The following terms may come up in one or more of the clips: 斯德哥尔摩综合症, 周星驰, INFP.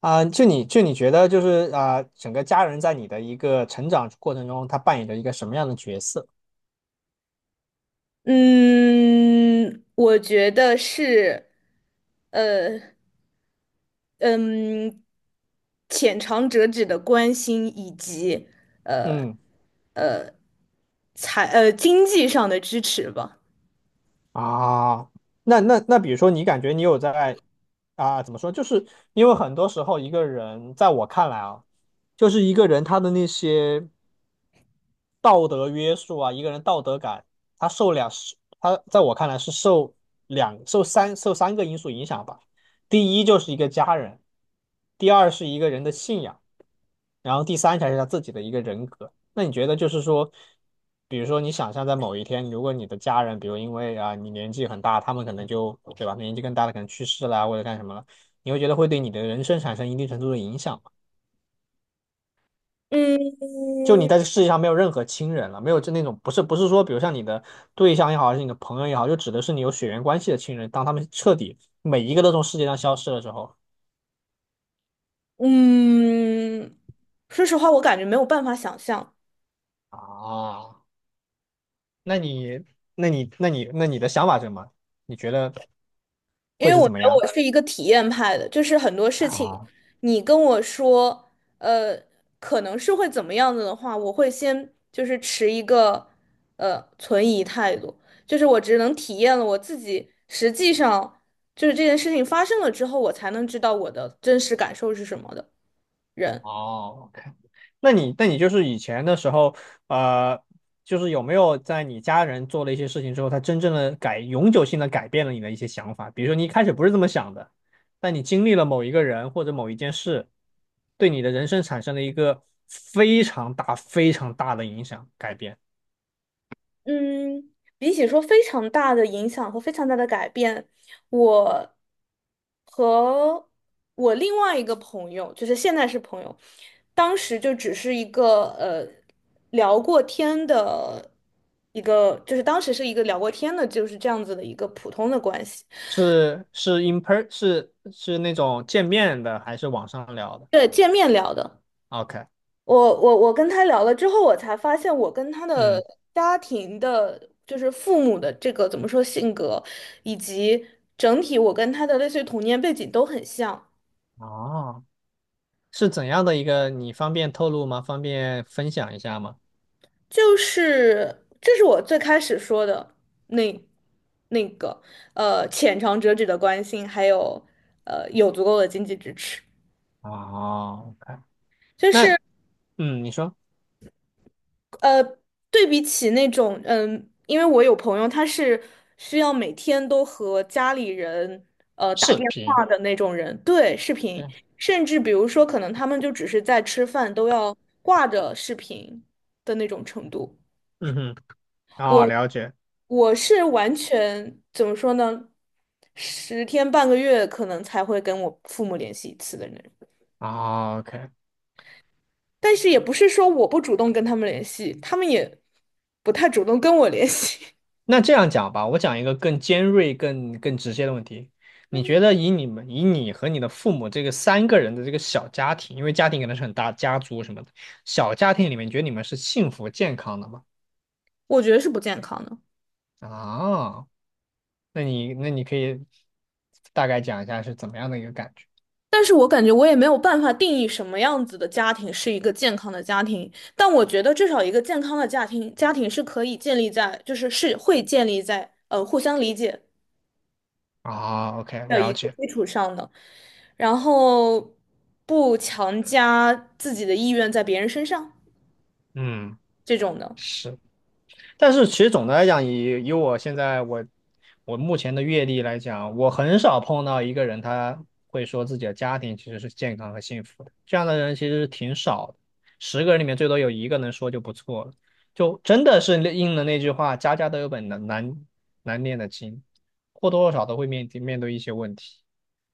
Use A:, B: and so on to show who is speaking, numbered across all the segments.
A: 啊，就你觉得就是啊，整个家人在你的一个成长过程中，他扮演着一个什么样的角色？
B: 嗯，我觉得是，呃，嗯，浅尝辄止的关心以及
A: 嗯
B: 呃财呃经济上的支持吧。
A: 啊，那，比如说你感觉你有在啊，怎么说？就是因为很多时候一个人，在我看来啊，就是一个人他的那些道德约束啊，一个人道德感，他在我看来是受三个因素影响吧。第一就是一个家人，第二是一个人的信仰。然后第三条是他自己的一个人格。那你觉得就是说，比如说你想象在某一天，如果你的家人，比如因为啊你年纪很大，他们可能就对吧，年纪更大的可能去世啦或者干什么了，你会觉得会对你的人生产生一定程度的影响吗？
B: 嗯
A: 就你在这世界上没有任何亲人了，没有就那种不是说，比如像你的对象也好，还是你的朋友也好，就指的是你有血缘关系的亲人，当他们彻底每一个都从世界上消失的时候
B: 嗯，说实话，我感觉没有办法想象。
A: 啊，那你那你的想法是什么？你觉得
B: 因
A: 会
B: 为
A: 是
B: 我
A: 怎
B: 觉
A: 么
B: 得我
A: 样？
B: 是一个体验派的，就是很多事情，
A: 啊，
B: 你跟我说，呃，可能是会怎么样子的话，我会先就是持一个存疑态度，就是我只能体验了我自己，实际上就是这件事情发生了之后，我才能知道我的真实感受是什么的人。
A: 哦，OK，那你就是以前的时候，呃，就是有没有在你家人做了一些事情之后，他真正的改永久性的改变了你的一些想法？比如说你一开始不是这么想的，但你经历了某一个人或者某一件事，对你的人生产生了一个非常大、非常大的影响改变，
B: 嗯，比起说非常大的影响和非常大的改变，我。和我另外一个朋友，就是现在是朋友，当时就只是一个聊过天的一个，就是当时是一个聊过天的，就是这样子的一个普通的关系，
A: 是是 in per 是是那种见面的，还是网上聊的
B: 对，见面聊的。
A: ？OK，
B: 我跟他聊了之后，我才发现我跟他的
A: 嗯，
B: 家庭的，就是父母的这个怎么说性格，以及整体我跟他的类似于童年背景都很像。
A: 哦是怎样的一个？你方便透露吗？方便分享一下吗？
B: 就是这是我最开始说的那那个浅尝辄止的关心，还有有足够的经济支持，
A: 哦，OK，
B: 就
A: 那
B: 是
A: 嗯，你说
B: 呃对比起那种因为我有朋友他是需要每天都和家里人打
A: 视
B: 电话
A: 频，
B: 的那种人，对，视频，
A: 对，
B: 甚至比如说可能他们就只是在吃饭都要挂着视频的那种程度。
A: 嗯哼，哦，
B: 我
A: 了解，
B: 我是完全怎么说呢？10天半个月可能才会跟我父母联系一次的人，
A: 哦，OK，
B: 但是也不是说我不主动跟他们联系，他们也不太主动跟我联系，
A: 那这样讲吧，我讲一个更尖锐、更直接的问题。你觉得以你们、以你和你的父母这个三个人的这个小家庭，因为家庭可能是很大，家族什么的，小家庭里面，你觉得你们是幸福健康的吗？
B: 我觉得是不健康的。
A: 啊，那你可以大概讲一下是怎么样的一个感觉？
B: 但是我感觉我也没有办法定义什么样子的家庭是一个健康的家庭，但我觉得至少一个健康的家庭，家庭是可以建立在，就是是会建立在互相理解
A: 啊，OK，
B: 的一
A: 了
B: 个
A: 解，
B: 基础上的，然后不强加自己的意愿在别人身上
A: 嗯，
B: 这种的。
A: 是，但是其实总的来讲，以我现在我目前的阅历来讲，我很少碰到一个人他会说自己的家庭其实是健康和幸福的，这样的人其实是挺少的，十个人里面最多有一个能说就不错了，就真的是那应了那句话，家家都有本难念的经，或多或少都会面对一些问题，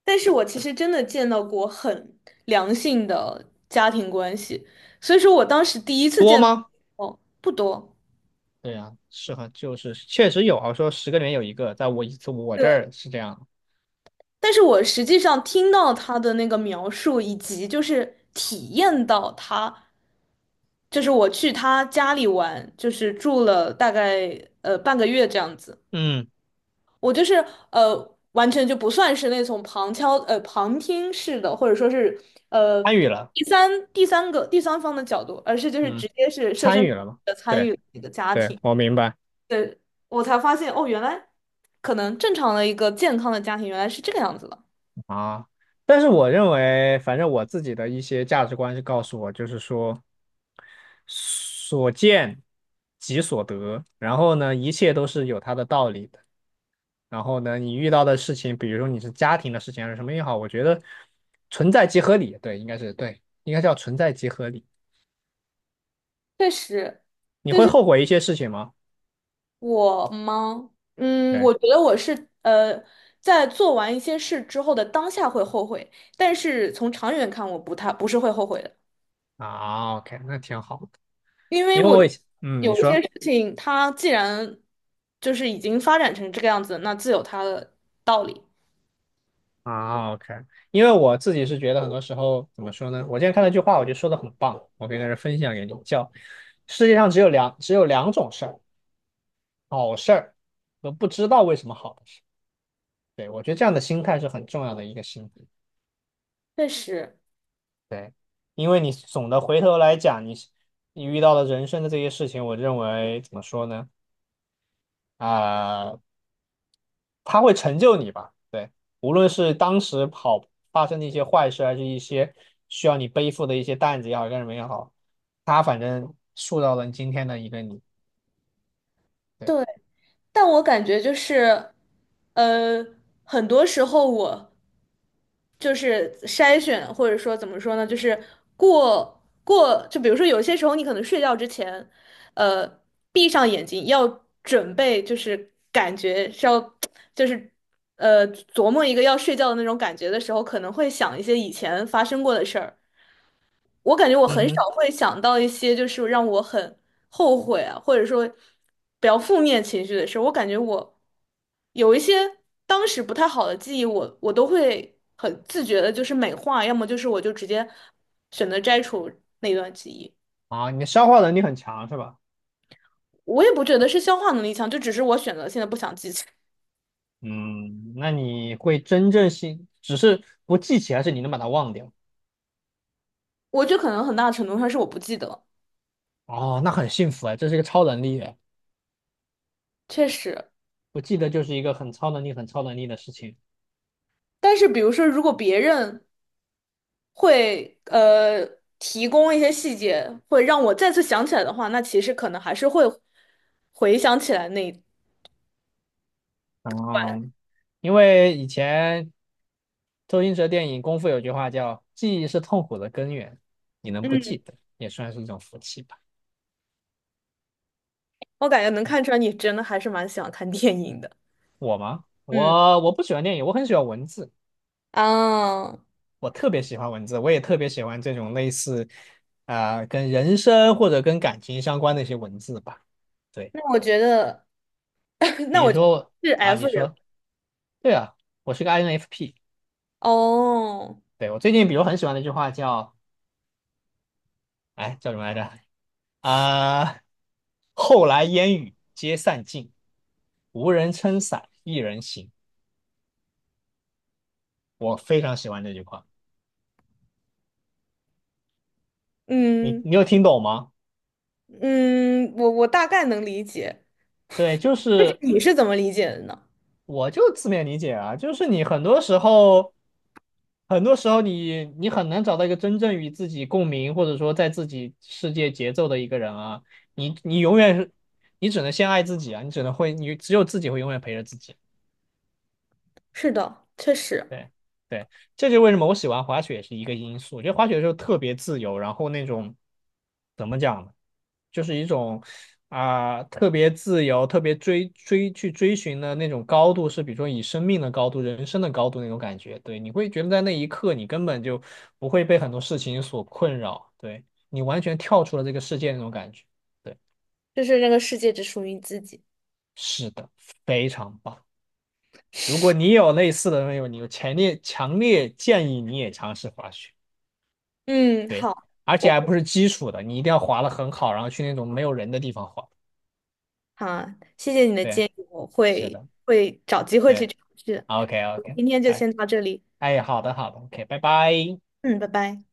B: 但是我其实真的见到过很良性的家庭关系，所以说我当时第一次
A: 多
B: 见到，
A: 吗？
B: 哦，不多，
A: 对呀，是很就是确实有啊，说十个里面有一个，在我一次我这儿
B: 对，
A: 是这样。
B: 但是我实际上听到他的那个描述，以及就是体验到他，就是我去他家里玩，就是住了大概半个月这样子。
A: 嗯，
B: 我就是完全就不算是那种旁听式的，或者说是呃
A: 参与了，
B: 第三方的角度，而是就是直
A: 嗯
B: 接是设身
A: 参
B: 处
A: 与了嘛？
B: 地的参
A: 对
B: 与你的家
A: 对，
B: 庭。
A: 我明白
B: 对，我才发现哦，原来可能正常的一个健康的家庭原来是这个样子的。
A: 啊。但是我认为，反正我自己的一些价值观是告诉我，就是说所见即所得，然后呢，一切都是有它的道理的。然后呢，你遇到的事情，比如说你是家庭的事情还是什么也好，我觉得存在即合理，对，应该是对，应该叫存在即合理。
B: 确实，
A: 你
B: 就
A: 会
B: 是
A: 后悔一些事情吗？
B: 我吗？我觉
A: 对
B: 得我是在做完一些事之后的当下会后悔，但是从长远看，我不是会后悔的。
A: 啊，OK，那挺好的，
B: 因为
A: 因为
B: 我觉
A: 我以
B: 得
A: 前嗯，你
B: 有一些
A: 说。
B: 事情，它既然就是已经发展成这个样子，那自有它的道理。
A: 啊，OK，因为我自己是觉得很多时候怎么说呢？我今天看到一句话，我觉得说的很棒，我可以在这分享给你，叫世界上只有两种事儿，好事儿和不知道为什么好的事。对，我觉得这样的心态是很重要的一个心态。
B: 确实，
A: 对，因为你总的回头来讲，你遇到的人生的这些事情，我认为怎么说呢？啊、它会成就你吧？对，无论是当时发生的一些坏事，还是一些需要你背负的一些担子也好，干什么也好，它反正塑造了今天的一个你。对，
B: 对，但我感觉就是，呃，很多时候我就是筛选，或者说怎么说呢，就是过，就比如说有些时候你可能睡觉之前，呃，闭上眼睛要准备，就是感觉是要，就是琢磨一个要睡觉的那种感觉的时候，可能会想一些以前发生过的事儿。我感觉我
A: 嗯
B: 很少
A: 哼，
B: 会想到一些就是让我很后悔啊，或者说比较负面情绪的事儿我感觉我有一些当时不太好的记忆我都会很自觉的，就是美化，要么就是我就直接选择摘除那段记忆。
A: 啊，你的消化能力很强是吧？
B: 我也不觉得是消化能力强，就只是我选择性的不想记起。
A: 嗯，那你会真正信，只是不记起来，是你能把它忘掉。
B: 我觉得可能很大程度上是我不记得，
A: 哦，那很幸福哎，这是一个超能力哎，
B: 确实。
A: 不记得就是一个很超能力、很超能力的事情。
B: 但是比如说，如果别人会提供一些细节，会让我再次想起来的话，那其实可能还是会回想起来那一。
A: 嗯，因为以前周星驰的电影《功夫》有句话叫“记忆是痛苦的根源”，你能不
B: 嗯，
A: 记得也算是一种福气吧。
B: 我感觉能看
A: 嗯
B: 出来你真的还是蛮喜欢看电影的。
A: 我吗？
B: 嗯
A: 我不喜欢电影，我很喜欢文字，
B: 啊，
A: 我特别喜欢文字，我也特别喜欢这种类似跟人生或者跟感情相关的一些文字吧。对，
B: 那我觉得，那
A: 比如
B: 我觉得
A: 说
B: 是
A: 啊，
B: F
A: 你
B: 人
A: 说对啊，我是个 INFP。
B: 哦。
A: 对，我最近比如很喜欢的一句话叫哎叫什么来着？啊、后来烟雨皆散尽，无人撑伞，一人行。我非常喜欢这句话。你
B: 嗯
A: 你有听懂吗？
B: 嗯，我大概能理解，
A: 对，就 是
B: 你是怎么理解的呢？
A: 我就字面理解啊，就是你很多时候，很多时候你很难找到一个真正与自己共鸣，或者说在自己世界节奏的一个人啊，你永远是，你只能先爱自己啊，你只能会，你只有自己会永远陪着自己。
B: 是的，确实，
A: 对对，这就是为什么我喜欢滑雪也是一个因素。我觉得滑雪的时候特别自由，然后那种怎么讲呢，就是一种特别自由、特别去追寻的那种高度，是比如说以生命的高度、人生的高度那种感觉。对，你会觉得在那一刻你根本就不会被很多事情所困扰，对你完全跳出了这个世界那种感觉。对，
B: 就是这个世界只属于你自己。
A: 是的，非常棒。如果你有类似的那种，你有强烈强烈建议你也尝试滑雪。
B: 嗯，
A: 对，
B: 好。
A: 而且
B: 我。
A: 还不是基础的，你一定要滑的很好，然后去那种没有人的地方滑。
B: 好啊谢谢你的
A: 对，
B: 建议，我
A: 是
B: 会
A: 的，
B: 会找机会去
A: 对
B: 尝试。
A: ，OK
B: 我们
A: OK，
B: 今天就
A: 哎
B: 先到这里，
A: 哎，好的好的，OK，拜拜。
B: 嗯，拜拜。